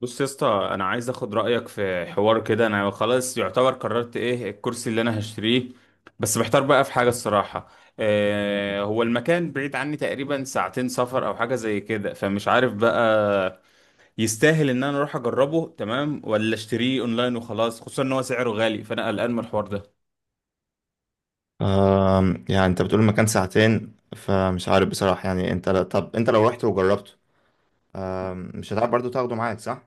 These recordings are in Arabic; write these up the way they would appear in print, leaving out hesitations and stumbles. بص يا اسطى، انا عايز اخد رايك في حوار كده. انا خلاص يعتبر قررت ايه الكرسي اللي انا هشتريه، بس محتار بقى في حاجه الصراحه. آه، هو المكان بعيد عني تقريبا ساعتين سفر او حاجه زي كده، فمش عارف بقى يستاهل ان انا اروح اجربه تمام ولا اشتريه اونلاين وخلاص، خصوصا ان هو سعره غالي، فانا قلقان من الحوار ده. يعني انت بتقول المكان ساعتين فمش عارف بصراحة. يعني انت طب انت لو رحت وجربته مش هتعرف برضو تاخده معاك، صح؟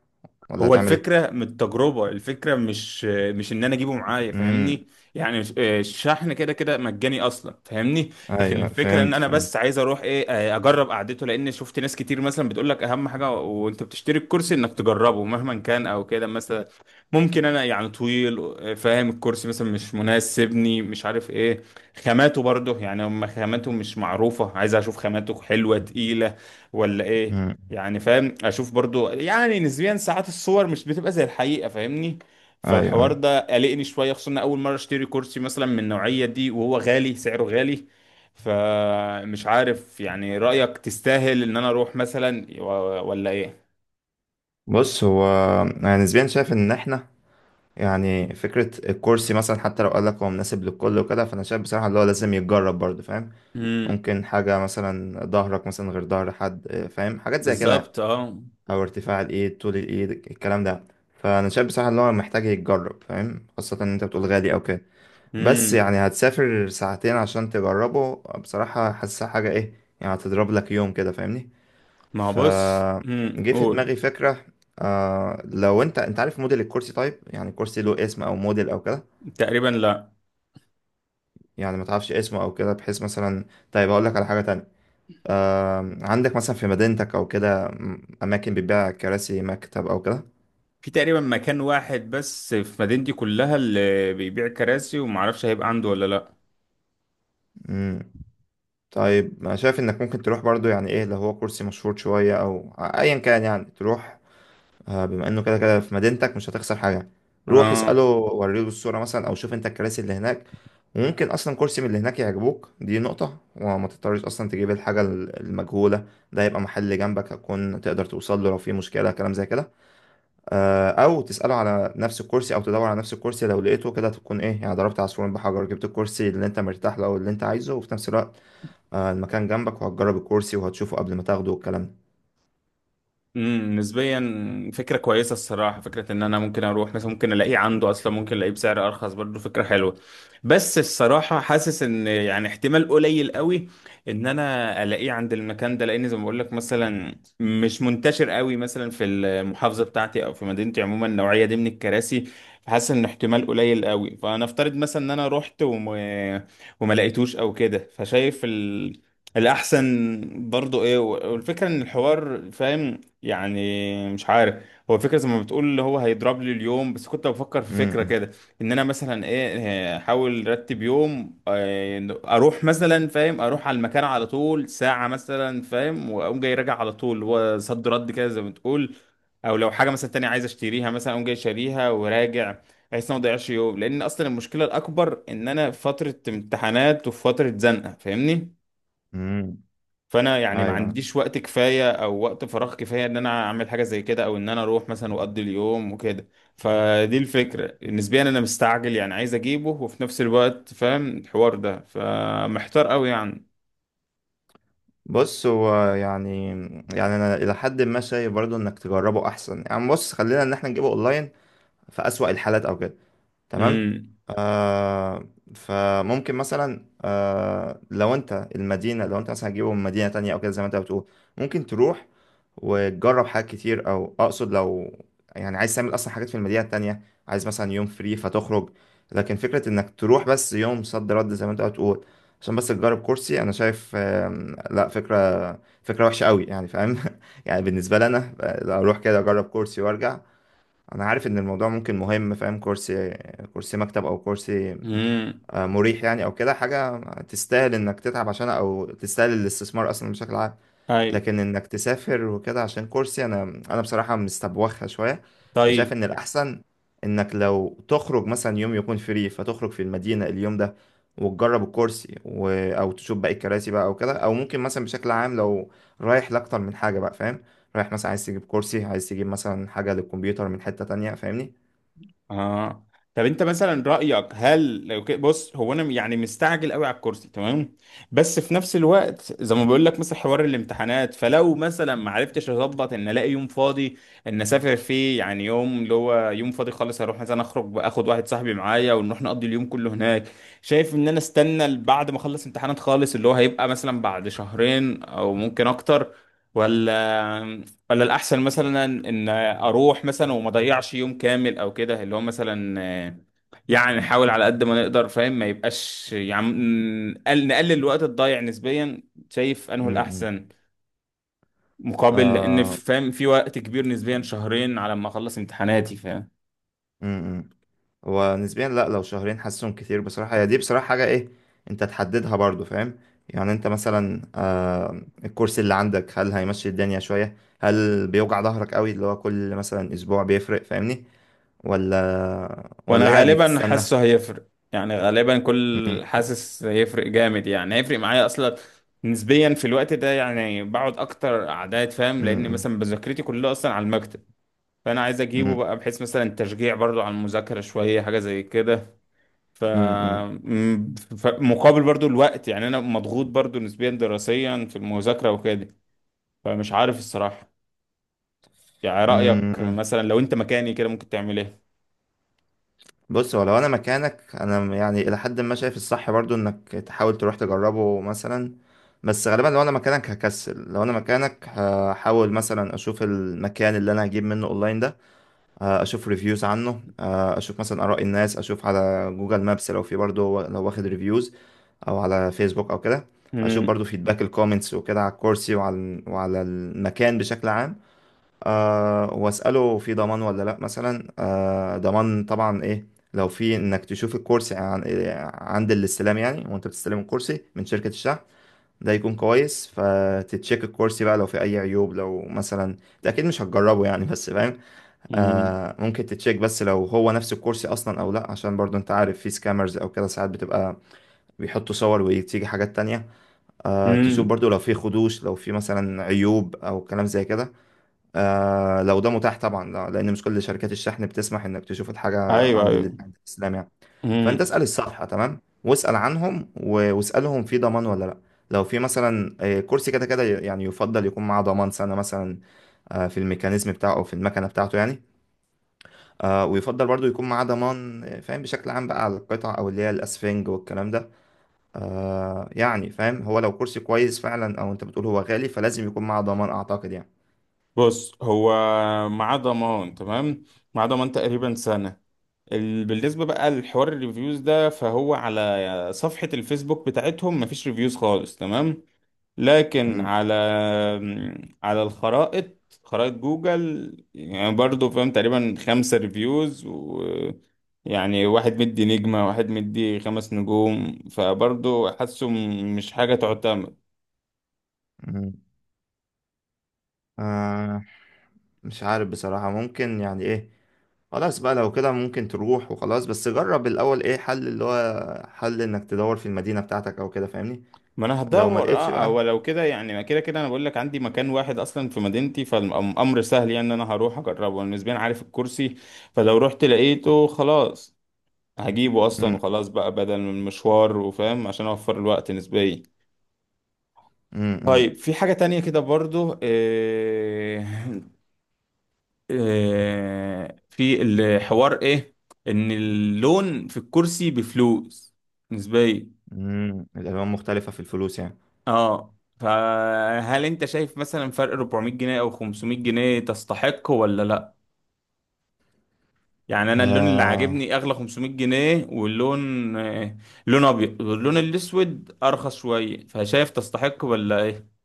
ولا هو هتعمل ايه؟ الفكرة من التجربة الفكرة مش ان انا اجيبه معايا، امم. فاهمني؟ يعني الشحن كده كده مجاني اصلا، فاهمني؟ لكن ايوه الفكرة ان فهمت انا فهمت. بس عايز اروح ايه، اجرب قعدته، لان شفت ناس كتير مثلا بتقول لك اهم حاجة وانت بتشتري الكرسي انك تجربه مهما كان او كده مثلا. ممكن انا يعني طويل، فاهم الكرسي مثلا مش مناسبني، مش عارف ايه. خاماته برضه يعني هم خاماته مش معروفة، عايز اشوف خاماته حلوة تقيلة ولا ايه. امم. يعني فاهم اشوف برضو يعني نسبيا ساعات الصور مش بتبقى زي الحقيقة، فاهمني؟ ايوه فالحوار ايوه. ده قلقني شوية، خصوصا إن اول مرة اشتري كرسي مثلا من النوعية دي، وهو غالي سعره غالي. فمش عارف يعني رأيك تستاهل ان انا اروح مثلا ولا ايه؟ بص هو يعني نسبيا شايف ان احنا يعني فكرة الكرسي مثلا حتى لو قال لك هو مناسب للكل وكده، فانا شايف بصراحة اللي هو لازم يتجرب برضو، فاهم؟ امم، ممكن حاجة مثلا ظهرك مثلا غير ظهر حد فاهم؟ حاجات زي كده. بالظبط اه. او ارتفاع الايد، طول الايد، الكلام ده. فانا شايف بصراحه ان هو محتاج يتجرب، فاهم؟ خاصه ان انت بتقول غالي او كده. بس امم، يعني هتسافر ساعتين عشان تجربه؟ بصراحه حاسسها حاجه ايه. يعني هتضرب لك يوم كده، فاهمني. ما هو ف بص، امم، جه في قول. دماغي فكره. لو انت عارف موديل الكرسي؟ طيب يعني كرسي له اسم او موديل او كده؟ تقريبا لا. يعني ما تعرفش اسمه او كده، بحيث مثلا. طيب هقول لك على حاجه تانية. عندك مثلا في مدينتك او كده اماكن بتبيع كراسي مكتب او كده؟ في تقريبا مكان واحد بس في مدينتي كلها اللي بيبيع كراسي، ومعرفش هيبقى عنده ولا لا. مم. طيب انا شايف انك ممكن تروح برضو، يعني ايه لو هو كرسي مشهور شوية او ايا كان يعني تروح. بما انه كده كده في مدينتك مش هتخسر حاجة. روح اسأله اه. وريله الصورة مثلا او شوف انت الكراسي اللي هناك. وممكن اصلا كرسي من اللي هناك يعجبوك، دي نقطة وما تضطرش اصلا تجيب الحاجة المجهولة. ده يبقى محل جنبك، هتكون تقدر توصل له لو في مشكلة كلام زي كده. او تسأله على نفس الكرسي، او تدور على نفس الكرسي لو لقيته كده تكون ايه يعني ضربت عصفورين بحجر، جبت الكرسي اللي انت مرتاح له او اللي انت عايزه، وفي نفس الوقت المكان جنبك وهتجرب الكرسي وهتشوفه قبل ما تاخده والكلام ده. امم، نسبيا فكرة كويسة الصراحة، فكرة ان انا ممكن اروح مثلا، ممكن الاقيه عنده اصلا، ممكن الاقيه بسعر ارخص برضه، فكرة حلوة. بس الصراحة حاسس ان يعني احتمال قليل قوي ان انا الاقيه عند المكان ده، لان زي ما بقول لك مثلا مش منتشر قوي مثلا في المحافظة بتاعتي او في مدينتي عموما النوعية دي من الكراسي. حاسس ان احتمال قليل قوي. فنفترض مثلا ان انا رحت وما لقيتوش او كده، فشايف الاحسن برضو ايه، والفكره ان الحوار فاهم. يعني مش عارف. هو فكرة زي ما بتقول اللي هو هيضرب لي اليوم، بس كنت بفكر في فكرة امم. كده ان انا مثلا ايه احاول ارتب يوم، اروح مثلا فاهم، اروح على المكان على طول ساعة مثلا فاهم، واقوم جاي راجع على طول، اللي هو صد رد كده زي ما بتقول. او لو حاجة مثلا تانية عايز اشتريها مثلا، اقوم جاي شاريها وراجع، بحيث إن أنا ما اضيعش يوم، لان اصلا المشكلة الاكبر ان انا في فترة امتحانات وفي فترة زنقة، فاهمني؟ امم. فانا يعني ما ايوه. عنديش وقت كفايه او وقت فراغ كفايه ان انا اعمل حاجه زي كده، او ان انا اروح مثلا واقضي اليوم وكده. فدي الفكره. نسبيا انا مستعجل، يعني عايز اجيبه، وفي نفس الوقت فاهم الحوار ده، فمحتار قوي يعني. بص هو يعني انا الى حد ما شايف برضه انك تجربه احسن. يعني بص خلينا ان احنا نجيبه اونلاين في اسوأ الحالات او كده، تمام. امم. آه فممكن مثلا لو انت المدينة، لو انت مثلا هتجيبه من مدينة تانية او كده زي ما انت بتقول، ممكن تروح وتجرب حاجات كتير. او اقصد لو يعني عايز تعمل اصلا حاجات في المدينة التانية، عايز مثلا يوم فري فتخرج. لكن فكرة انك تروح بس يوم صد رد زي ما انت بتقول عشان بس تجرب كرسي، انا شايف لا، فكرة وحشة قوي يعني، فاهم؟ يعني بالنسبة لي انا اروح كده اجرب كرسي وارجع، انا عارف ان الموضوع ممكن مهم، فاهم؟ كرسي، كرسي مكتب او كرسي امم. مريح يعني، او كده حاجه تستاهل انك تتعب عشانها او تستاهل الاستثمار اصلا بشكل عام. ايوه. لكن انك تسافر وكده عشان كرسي، انا بصراحه مستبوخها شويه. فشايف طيب ان الاحسن انك لو تخرج مثلا يوم يكون فري فتخرج في المدينه اليوم ده، وتجرب الكرسي او تشوف باقي الكراسي بقى او كده. او ممكن مثلا بشكل عام لو رايح لاكتر من حاجه بقى، فاهم؟ رايح مثلا عايز تجيب كرسي، عايز تجيب مثلا حاجة للكمبيوتر من حتة تانية، فاهمني. اه، طب انت مثلا رأيك هل لو كده، بص هو انا يعني مستعجل قوي على الكرسي تمام، بس في نفس الوقت زي ما بقول لك مثلا حوار الامتحانات، فلو مثلا ما عرفتش اظبط ان الاقي يوم فاضي ان اسافر فيه، يعني يوم اللي هو يوم فاضي خالص، هروح مثلا اخرج واخد واحد صاحبي معايا ونروح نقضي اليوم كله هناك. شايف ان انا استنى بعد ما اخلص امتحانات خالص، اللي هو هيبقى مثلا بعد شهرين او ممكن اكتر، ولا الأحسن مثلا إن أروح مثلا وما أضيعش يوم كامل أو كده، اللي هو مثلا يعني نحاول على قد ما نقدر فاهم، ما يبقاش يعني نقلل الوقت الضايع نسبيا. شايف أنه امم. الأحسن مقابل، لأن آه فاهم في وقت كبير نسبيا شهرين على ما أخلص امتحاناتي فاهم. امم. ونسبيا لا، لو شهرين حاسسهم كتير بصراحة. هي دي بصراحة حاجة ايه انت تحددها برضو، فاهم؟ يعني انت مثلا الكورس اللي عندك، هل هيمشي الدنيا شوية؟ هل بيوجع ظهرك قوي اللي هو كل مثلا اسبوع بيفرق، فاهمني؟ ولا وأنا ولا عادي غالبا تستنى؟ حاسه هيفرق يعني، غالبا كل امم. حاسس هيفرق جامد، يعني هيفرق معايا أصلا نسبيا في الوقت ده، يعني بقعد أكتر أعداد فاهم، لأن امم. مثلا مذاكرتي كلها أصلا على المكتب. فانا عايز اجيبه امم. بقى بحيث مثلا تشجيع برضو على المذاكره شويه، حاجه زي كده. ف امم. مقابل برضو الوقت، يعني انا مضغوط برضو نسبيا دراسيا في المذاكره وكده. فمش عارف الصراحه، يعني امم، رايك امم. مثلا لو انت مكاني كده ممكن تعمل ايه؟ بص هو لو انا مكانك، انا يعني الى حد ما شايف الصح برضو انك تحاول تروح تجربه مثلا. بس غالبا لو انا مكانك هكسل. لو انا مكانك هحاول مثلا اشوف المكان اللي انا هجيب منه اونلاين ده، اشوف ريفيوز عنه، اشوف مثلا اراء الناس، اشوف على جوجل مابس لو في برضو لو واخد ريفيوز او على فيسبوك او كده. اشوف مم. برضو فيدباك الكومنتس وكده على الكرسي وعلى المكان بشكل عام. واسأله في ضمان ولا لأ، مثلا ضمان طبعا. إيه لو في إنك تشوف الكرسي عند الاستلام يعني، وأنت بتستلم الكرسي من شركة الشحن، ده يكون كويس. فتتشيك الكرسي بقى لو في أي عيوب. لو مثلا أنت أكيد مش هتجربه يعني، بس فاهم. مم. ممكن تتشيك بس لو هو نفس الكرسي أصلا أو لأ، عشان برضو أنت عارف في سكامرز أو كده ساعات بتبقى بيحطوا صور وتيجي حاجات تانية. تشوف مم. برضو لو في خدوش، لو في مثلا عيوب أو كلام زي كده. لو ده متاح طبعا، لا لان مش كل شركات الشحن بتسمح انك تشوف الحاجه ايوه عند ايوه. عند الاسلام يعني. فانت مم. اسال الصفحه تمام واسال عنهم واسالهم في ضمان ولا لا. لو في مثلا كرسي كده كده يعني يفضل يكون معاه ضمان سنه مثلا، في الميكانيزم بتاعه او في المكنه بتاعته يعني. ويفضل برضو يكون معاه ضمان، فاهم بشكل عام بقى على القطع او اللي هي الاسفنج والكلام ده. يعني فاهم هو لو كرسي كويس فعلا او انت بتقول هو غالي، فلازم يكون معاه ضمان اعتقد يعني. بص هو. مع ضمان تمام، مع ضمان تقريبا سنه. بالنسبه بقى لحوار الريفيوز ده، فهو على صفحه الفيسبوك بتاعتهم مفيش ريفيوز خالص تمام، لكن م- على على الخرائط، خرائط جوجل يعني، برضو فاهم تقريبا خمسة ريفيوز، و يعني واحد مدي نجمة، واحد مدي خمس نجوم، فبرضو حاسه مش حاجة تعتمد. م. آه، مش عارف بصراحة ممكن يعني ايه. خلاص بقى لو كده ممكن تروح وخلاص، بس جرب الأول ايه حل، اللي هو حل انك تدور في المدينة بتاعتك او كده، فاهمني. ما انا لو ما هدور اه، لقيتش بقى. او لو كده يعني ما كده كده انا بقول لك عندي مكان واحد اصلا في مدينتي، فالامر سهل يعني، ان انا هروح اجربه، انا نسبيا عارف الكرسي، فلو رحت لقيته خلاص هجيبه اصلا مم، وخلاص بقى، بدل من المشوار وفاهم عشان اوفر الوقت نسبيا. مم، مم. طيب في حاجة تانية كده برضو إيه، إيه في الحوار ايه، ان اللون في الكرسي بفلوس نسبيا. مم، الألوان مختلفة في الفلوس يعني؟ اه، فهل انت شايف مثلا فرق 400 جنيه او 500 جنيه تستحق ولا لا؟ يعني انا اللون اللي آه عاجبني اغلى 500 جنيه، واللون لون ابيض، واللون الاسود ارخص شوية، فشايف تستحق ولا ايه؟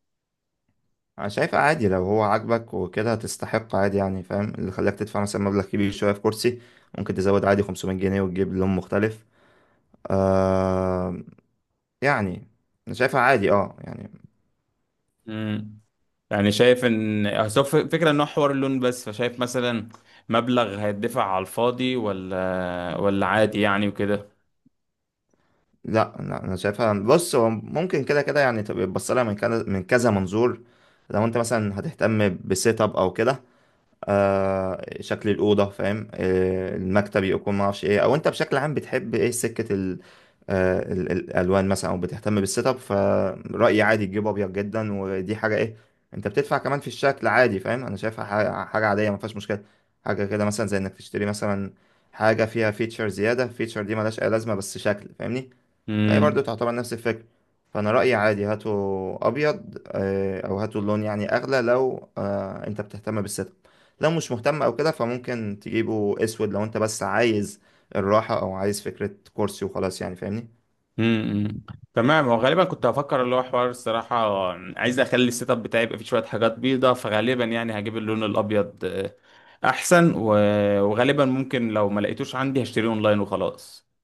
أنا شايف عادي لو هو عاجبك وكده هتستحق عادي يعني، فاهم؟ اللي خلاك تدفع مثلا مبلغ كبير شوية في كرسي ممكن تزود عادي 500 جنيه وتجيب لون مختلف. آه يعني أنا شايفها عادي اه يعني. مم. يعني شايف ان أصل هو فكرة ان هو حوار اللون بس، فشايف مثلا مبلغ هيدفع على الفاضي ولا عادي يعني وكده. لا لا، انا شايفها، بص هو ممكن كده كده يعني تبقى تبص لها من كذا من كذا منظور. لو انت مثلا هتهتم بسيت اب او كده، شكل الاوضه، فاهم؟ المكتب يكون ما اعرفش ايه، او انت بشكل عام بتحب ايه سكه ال آه ال- ال- الالوان مثلا، او بتهتم بالسيت اب. فرايي عادي تجيب ابيض جدا، ودي حاجه ايه انت بتدفع كمان في الشكل، عادي فاهم. انا شايفها حاجة عاديه ما فيهاش مشكله. حاجه كده مثلا زي انك تشتري مثلا حاجه فيها فيتشر زياده، فيتشر دي ملهاش اي لازمه بس شكل، فاهمني. فهي برضو امم. تعتبر نفس الفكرة. فأنا رأيي عادي هاتوا أبيض أو هاتوا اللون يعني أغلى لو أنت بتهتم بالسيت اب. لو مش مهتم أو كده، فممكن تجيبه أسود لو أنت بس عايز الراحة أو عايز فكرة كرسي وخلاص يعني، فاهمني. امم. تمام. هو غالبا كنت هفكر اللي هو حوار الصراحة، عايز اخلي السيت اب بتاعي يبقى فيه شوية حاجات بيضة، فغالبا يعني هجيب اللون الابيض، احسن، وغالبا ممكن لو ما لقيتوش عندي هشتريه اونلاين وخلاص.